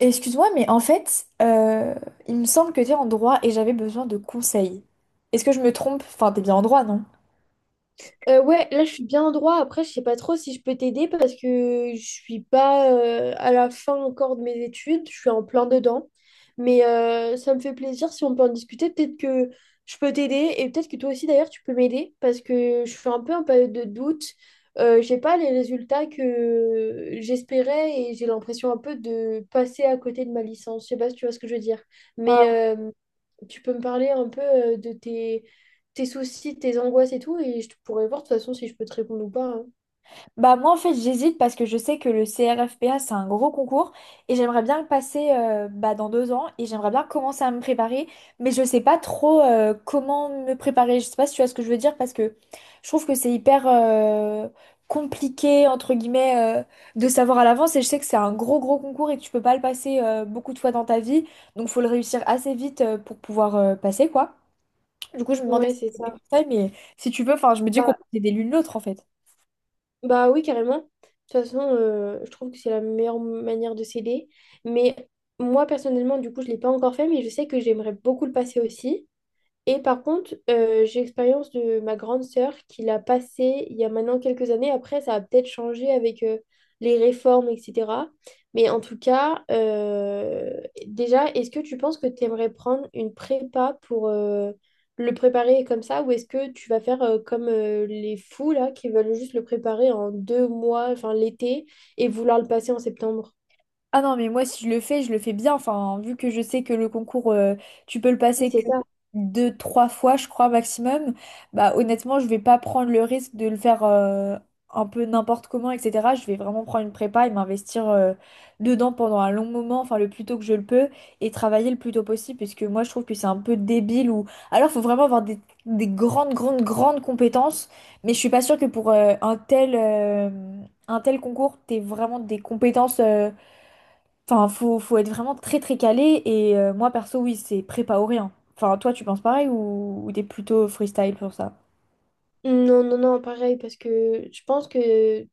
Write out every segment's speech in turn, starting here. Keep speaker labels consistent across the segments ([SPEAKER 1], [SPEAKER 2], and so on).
[SPEAKER 1] Excuse-moi, mais en fait, il me semble que tu es en droit et j'avais besoin de conseils. Est-ce que je me trompe? Enfin, t'es bien en droit, non?
[SPEAKER 2] Ouais, là je suis bien en droit. Après, je sais pas trop si je peux t'aider parce que je suis pas à la fin encore de mes études. Je suis en plein dedans. Mais ça me fait plaisir si on peut en discuter. Peut-être que je peux t'aider et peut-être que toi aussi d'ailleurs tu peux m'aider parce que je suis un peu en période de doute. J'ai pas les résultats que j'espérais et j'ai l'impression un peu de passer à côté de ma licence. Je sais pas si tu vois ce que je veux dire. Mais tu peux me parler un peu de tes soucis, tes angoisses et tout, et je te pourrais voir de toute façon si je peux te répondre ou pas, hein.
[SPEAKER 1] Bah moi en fait j'hésite parce que je sais que le CRFPA c'est un gros concours et j'aimerais bien le passer bah, dans 2 ans et j'aimerais bien commencer à me préparer, mais je sais pas trop comment me préparer. Je sais pas si tu vois ce que je veux dire, parce que je trouve que c'est hyper compliqué entre guillemets, de savoir à l'avance, et je sais que c'est un gros gros concours et que tu peux pas le passer beaucoup de fois dans ta vie, donc faut le réussir assez vite pour pouvoir passer quoi. Du coup, je me demandais
[SPEAKER 2] Ouais,
[SPEAKER 1] si
[SPEAKER 2] c'est
[SPEAKER 1] t'avais
[SPEAKER 2] ça.
[SPEAKER 1] des conseils, mais si tu veux, enfin, je me dis qu'on
[SPEAKER 2] Bah,
[SPEAKER 1] peut aider l'une l'autre en fait.
[SPEAKER 2] bah oui, carrément. De toute façon, je trouve que c'est la meilleure manière de s'aider. Mais moi, personnellement, du coup, je ne l'ai pas encore fait, mais je sais que j'aimerais beaucoup le passer aussi. Et par contre, j'ai l'expérience de ma grande sœur qui l'a passé il y a maintenant quelques années. Après, ça a peut-être changé avec les réformes, etc. Mais en tout cas, déjà, est-ce que tu penses que tu aimerais prendre une prépa pour le préparer comme ça, ou est-ce que tu vas faire comme les fous là qui veulent juste le préparer en deux mois, enfin l'été, et vouloir le passer en septembre?
[SPEAKER 1] Ah non, mais moi, si je le fais, je le fais bien. Enfin, vu que je sais que le concours, tu peux le
[SPEAKER 2] Oui,
[SPEAKER 1] passer
[SPEAKER 2] c'est
[SPEAKER 1] que
[SPEAKER 2] ça.
[SPEAKER 1] 2, 3 fois, je crois, maximum, bah honnêtement, je vais pas prendre le risque de le faire un peu n'importe comment, etc. Je vais vraiment prendre une prépa et m'investir dedans pendant un long moment, enfin le plus tôt que je le peux, et travailler le plus tôt possible, puisque moi, je trouve que c'est un peu débile ou... Alors, faut vraiment avoir des grandes, grandes, grandes compétences, mais je suis pas sûre que pour un tel... un tel concours, t'aies vraiment des compétences enfin, faut être vraiment très très calé, et moi perso, oui, c'est prépa ou rien. Enfin, toi, tu penses pareil, ou t'es plutôt freestyle pour ça?
[SPEAKER 2] Non, non, non, pareil, parce que je pense que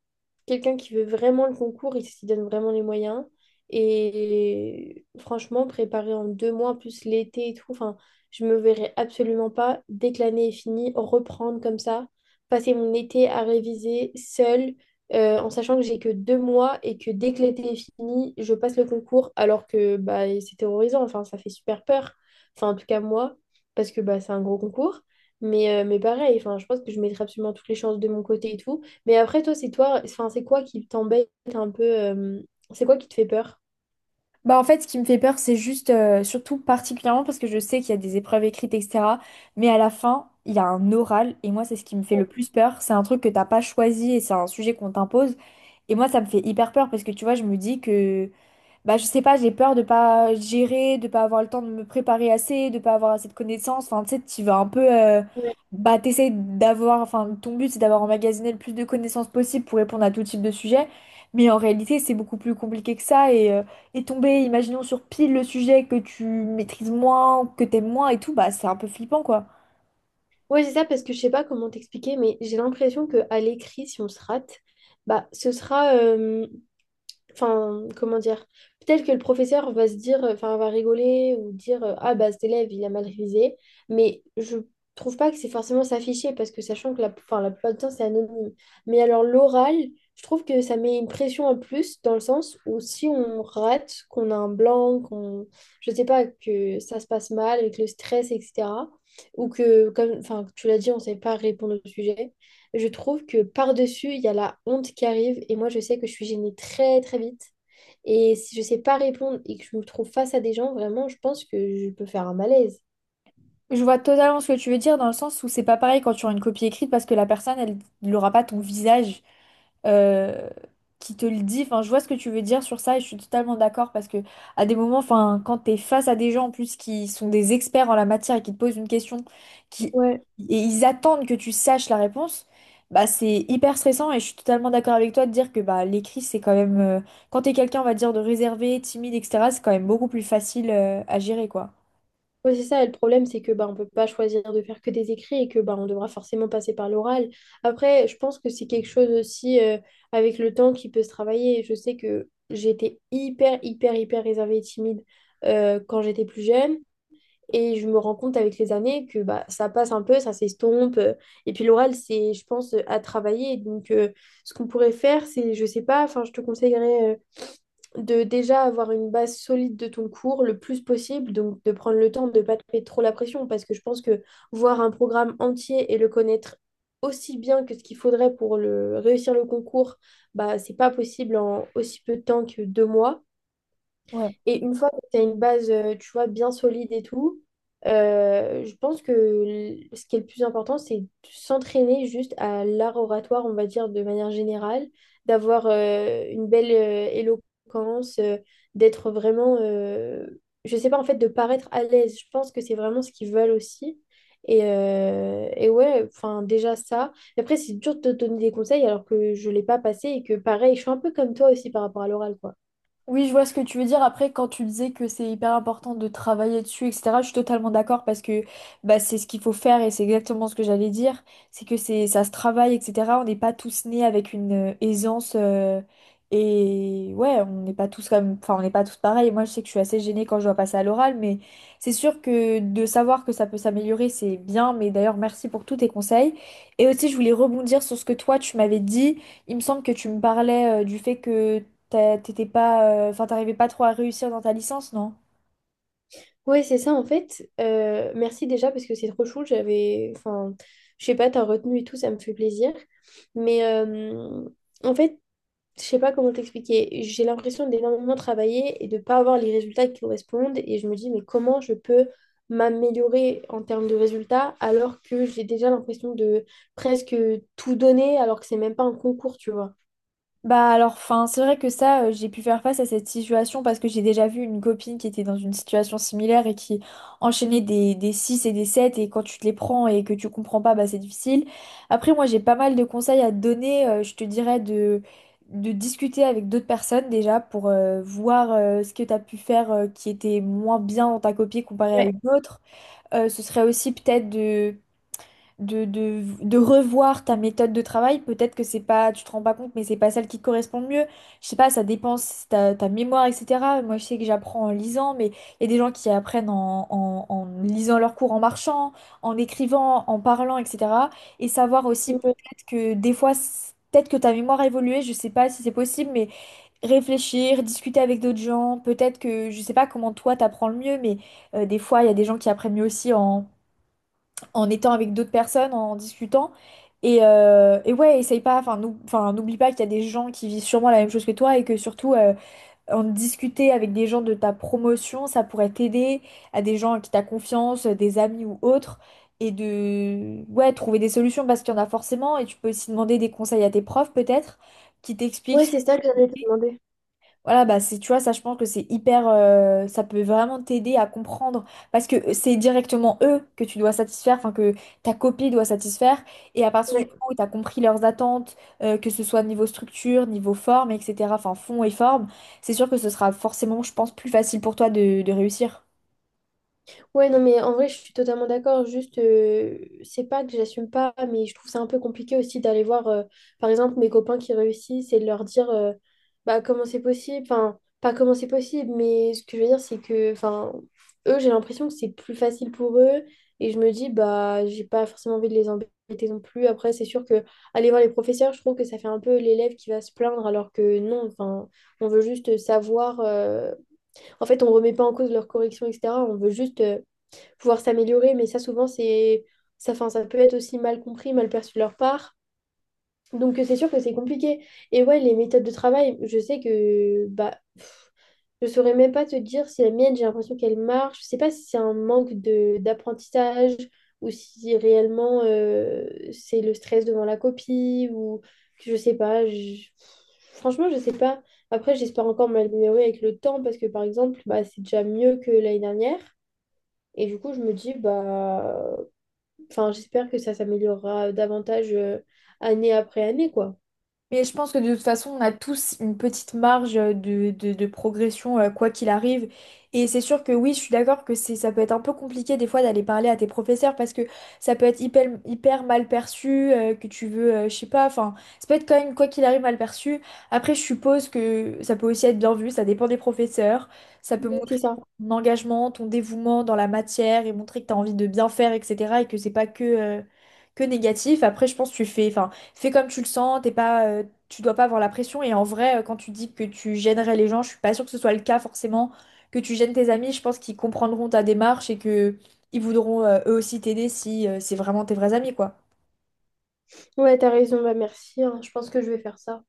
[SPEAKER 2] quelqu'un qui veut vraiment le concours, il s'y donne vraiment les moyens. Et franchement, préparer en deux mois, plus l'été et tout, enfin, je me verrais absolument pas, dès que l'année est finie, reprendre comme ça, passer mon été à réviser seule, en sachant que j'ai que deux mois et que dès que l'été est fini, je passe le concours, alors que bah, c'est terrorisant, enfin, ça fait super peur. Enfin, en tout cas, moi, parce que bah, c'est un gros concours. Mais pareil, enfin, je pense que je mettrai absolument toutes les chances de mon côté et tout. Mais après, toi, c'est toi, enfin, c'est quoi qui t'embête un peu c'est quoi qui te fait peur?
[SPEAKER 1] Bah en fait, ce qui me fait peur, c'est juste, surtout particulièrement parce que je sais qu'il y a des épreuves écrites, etc. Mais à la fin, il y a un oral et moi, c'est ce qui me fait le plus peur. C'est un truc que t'as pas choisi et c'est un sujet qu'on t'impose. Et moi, ça me fait hyper peur parce que tu vois, je me dis que bah, je sais pas, j'ai peur de pas gérer, de pas avoir le temps de me préparer assez, de pas avoir assez de connaissances. Enfin, tu sais, tu vas un peu.
[SPEAKER 2] Ouais,
[SPEAKER 1] Bah, t'essayes d'avoir. Enfin, ton but, c'est d'avoir emmagasiné le plus de connaissances possible pour répondre à tout type de sujet. Mais en réalité, c'est beaucoup plus compliqué que ça. Et tomber, imaginons, sur pile le sujet que tu maîtrises moins, que t'aimes moins et tout, bah, c'est un peu flippant, quoi.
[SPEAKER 2] Ouais, c'est ça, parce que je sais pas comment t'expliquer, mais j'ai l'impression que à l'écrit, si on se rate, bah, ce sera, enfin, comment dire? Peut-être que le professeur va se dire, enfin, va rigoler ou dire, ah bah cet élève, il a mal révisé. Mais je trouve pas que c'est forcément s'afficher parce que sachant que la, enfin, la plupart du temps, c'est anonyme. Mais alors l'oral, je trouve que ça met une pression en plus dans le sens où si on rate, qu'on a un blanc, qu'on, je sais pas, que ça se passe mal avec le stress, etc. Ou que, comme, enfin, tu l'as dit, on sait pas répondre au sujet, je trouve que par-dessus, il y a la honte qui arrive et moi, je sais que je suis gênée très très vite. Et si je sais pas répondre et que je me trouve face à des gens, vraiment, je pense que je peux faire un malaise.
[SPEAKER 1] Je vois totalement ce que tu veux dire dans le sens où c'est pas pareil quand tu as une copie écrite, parce que la personne, elle n'aura pas ton visage. euh, qui te le dit. Enfin, je vois ce que tu veux dire sur ça et je suis totalement d'accord, parce que à des moments, enfin, quand t'es face à des gens en plus qui sont des experts en la matière et qui te posent une question qui
[SPEAKER 2] Ouais.
[SPEAKER 1] et ils attendent que tu saches la réponse, bah c'est hyper stressant et je suis totalement d'accord avec toi de dire que bah l'écrit c'est quand même quand t'es quelqu'un on va dire de réservé, timide, etc. c'est quand même beaucoup plus facile à gérer quoi.
[SPEAKER 2] Ouais, c'est ça, le problème, c'est que bah, on peut pas choisir de faire que des écrits et que bah, on devra forcément passer par l'oral. Après, je pense que c'est quelque chose aussi avec le temps qui peut se travailler. Je sais que j'étais hyper, hyper, hyper réservée et timide quand j'étais plus jeune. Et je me rends compte avec les années que bah, ça passe un peu, ça s'estompe. Et puis l'oral, c'est, je pense, à travailler. Donc, ce qu'on pourrait faire, c'est, je sais pas, enfin, je te conseillerais de déjà avoir une base solide de ton cours le plus possible. Donc, de prendre le temps de ne pas te mettre trop la pression. Parce que je pense que voir un programme entier et le connaître aussi bien que ce qu'il faudrait pour le, réussir le concours, bah, c'est pas possible en aussi peu de temps que deux mois.
[SPEAKER 1] Ouais.
[SPEAKER 2] Et une fois que tu as une base, tu vois, bien solide et tout, je pense que ce qui est le plus important, c'est de s'entraîner juste à l'art oratoire, on va dire, de manière générale, d'avoir une belle éloquence, d'être vraiment, je sais pas, en fait, de paraître à l'aise. Je pense que c'est vraiment ce qu'ils veulent aussi. Et ouais, enfin, déjà ça. Et après, c'est dur de te donner des conseils alors que je l'ai pas passé et que pareil, je suis un peu comme toi aussi par rapport à l'oral, quoi.
[SPEAKER 1] Oui, je vois ce que tu veux dire. Après, quand tu disais que c'est hyper important de travailler dessus, etc., je suis totalement d'accord parce que bah, c'est ce qu'il faut faire et c'est exactement ce que j'allais dire. C'est que c'est ça se travaille, etc. On n'est pas tous nés avec une aisance, et ouais, on n'est pas tous comme, enfin, on n'est pas tous pareils. Moi, je sais que je suis assez gênée quand je dois passer à l'oral, mais c'est sûr que de savoir que ça peut s'améliorer, c'est bien. Mais d'ailleurs, merci pour tous tes conseils. Et aussi, je voulais rebondir sur ce que toi, tu m'avais dit. Il me semble que tu me parlais du fait que t'étais pas, enfin, t'arrivais pas trop à réussir dans ta licence, non?
[SPEAKER 2] Ouais, c'est ça en fait. Merci déjà parce que c'est trop chou. J'avais, enfin, je sais pas, t'as retenu et tout, ça me fait plaisir. Mais en fait, je sais pas comment t'expliquer. J'ai l'impression d'énormément travailler et de pas avoir les résultats qui correspondent. Et je me dis, mais comment je peux m'améliorer en termes de résultats alors que j'ai déjà l'impression de presque tout donner alors que c'est même pas un concours, tu vois.
[SPEAKER 1] Bah alors, enfin, c'est vrai que ça, j'ai pu faire face à cette situation parce que j'ai déjà vu une copine qui était dans une situation similaire et qui enchaînait des 6 et des 7, et quand tu te les prends et que tu comprends pas, bah c'est difficile. Après, moi, j'ai pas mal de conseils à te donner. Je te dirais de discuter avec d'autres personnes déjà pour voir ce que t'as pu faire qui était moins bien dans ta copie comparé à
[SPEAKER 2] Ouais.
[SPEAKER 1] une autre. Ce serait aussi peut-être de de revoir ta méthode de travail. Peut-être que c'est pas, tu te rends pas compte, mais c'est pas celle qui te correspond le mieux. Je sais pas, ça dépend si ta, ta mémoire, etc. Moi, je sais que j'apprends en lisant, mais il y a des gens qui apprennent en lisant leurs cours, en marchant, en écrivant, en parlant, etc. Et savoir aussi peut-être que des fois, peut-être que ta mémoire a évolué, je sais pas si c'est possible, mais réfléchir, discuter avec d'autres gens, peut-être que, je sais pas comment toi t'apprends le mieux, mais des fois, il y a des gens qui apprennent mieux aussi en étant avec d'autres personnes, en discutant. Et ouais, essaye pas, enfin, enfin, n'oublie pas qu'il y a des gens qui vivent sûrement la même chose que toi et que surtout, en discuter avec des gens de ta promotion, ça pourrait t'aider, à des gens à qui t'as confiance, des amis ou autres, et de, ouais, trouver des solutions parce qu'il y en a forcément, et tu peux aussi demander des conseils à tes profs peut-être, qui
[SPEAKER 2] Ouais,
[SPEAKER 1] t'expliquent,
[SPEAKER 2] c'est ça que j'allais te demander.
[SPEAKER 1] voilà, bah c'est, tu vois, ça, je pense que c'est hyper, ça peut vraiment t'aider à comprendre parce que c'est directement eux que tu dois satisfaire, enfin que ta copie doit satisfaire. Et à partir du
[SPEAKER 2] Ouais.
[SPEAKER 1] moment où tu as compris leurs attentes, que ce soit niveau structure, niveau forme, etc., enfin fond et forme, c'est sûr que ce sera forcément, je pense, plus facile pour toi de réussir.
[SPEAKER 2] Ouais, non, mais en vrai, je suis totalement d'accord. Juste, c'est pas que j'assume pas, mais je trouve ça un peu compliqué aussi d'aller voir, par exemple, mes copains qui réussissent et de leur dire, bah, comment c'est possible. Enfin, pas comment c'est possible, mais ce que je veux dire, c'est que, enfin, eux, j'ai l'impression que c'est plus facile pour eux. Et je me dis, bah, j'ai pas forcément envie de les embêter non plus. Après, c'est sûr que aller voir les professeurs, je trouve que ça fait un peu l'élève qui va se plaindre, alors que non, enfin, on veut juste savoir. En fait, on remet pas en cause leurs corrections, etc. On veut juste pouvoir s'améliorer, mais ça, souvent, c'est ça, fin, ça peut être aussi mal compris, mal perçu de leur part. Donc, c'est sûr que c'est compliqué. Et ouais, les méthodes de travail, je sais que bah, pff, je saurais même pas te dire si la mienne, j'ai l'impression qu'elle marche. Je sais pas si c'est un manque de d'apprentissage ou si réellement c'est le stress devant la copie ou je sais pas. Franchement, je sais pas. Après, j'espère encore m'améliorer avec le temps parce que par exemple, bah, c'est déjà mieux que l'année dernière. Et du coup, je me dis, bah, enfin, j'espère que ça s'améliorera davantage année après année, quoi.
[SPEAKER 1] Mais je pense que de toute façon, on a tous une petite marge de, de progression, quoi qu'il arrive. Et c'est sûr que oui, je suis d'accord que c'est, ça peut être un peu compliqué des fois d'aller parler à tes professeurs parce que ça peut être hyper, hyper mal perçu, que tu veux, je sais pas, enfin, ça peut être quand même, quoi qu'il arrive, mal perçu. Après, je suppose que ça peut aussi être bien vu, ça dépend des professeurs. Ça peut
[SPEAKER 2] Ouais, c'est
[SPEAKER 1] montrer
[SPEAKER 2] ça.
[SPEAKER 1] ton engagement, ton dévouement dans la matière et montrer que tu as envie de bien faire, etc. et que c'est pas que, que négatif. Après, je pense que tu fais. Enfin, fais comme tu le sens, t'es pas, tu dois pas avoir la pression. Et en vrai, quand tu dis que tu gênerais les gens, je suis pas sûre que ce soit le cas forcément, que tu gênes tes amis, je pense qu'ils comprendront ta démarche et que ils voudront eux aussi t'aider si c'est vraiment tes vrais amis, quoi.
[SPEAKER 2] Ouais, t'as raison, bah merci, hein. Je pense que je vais faire ça.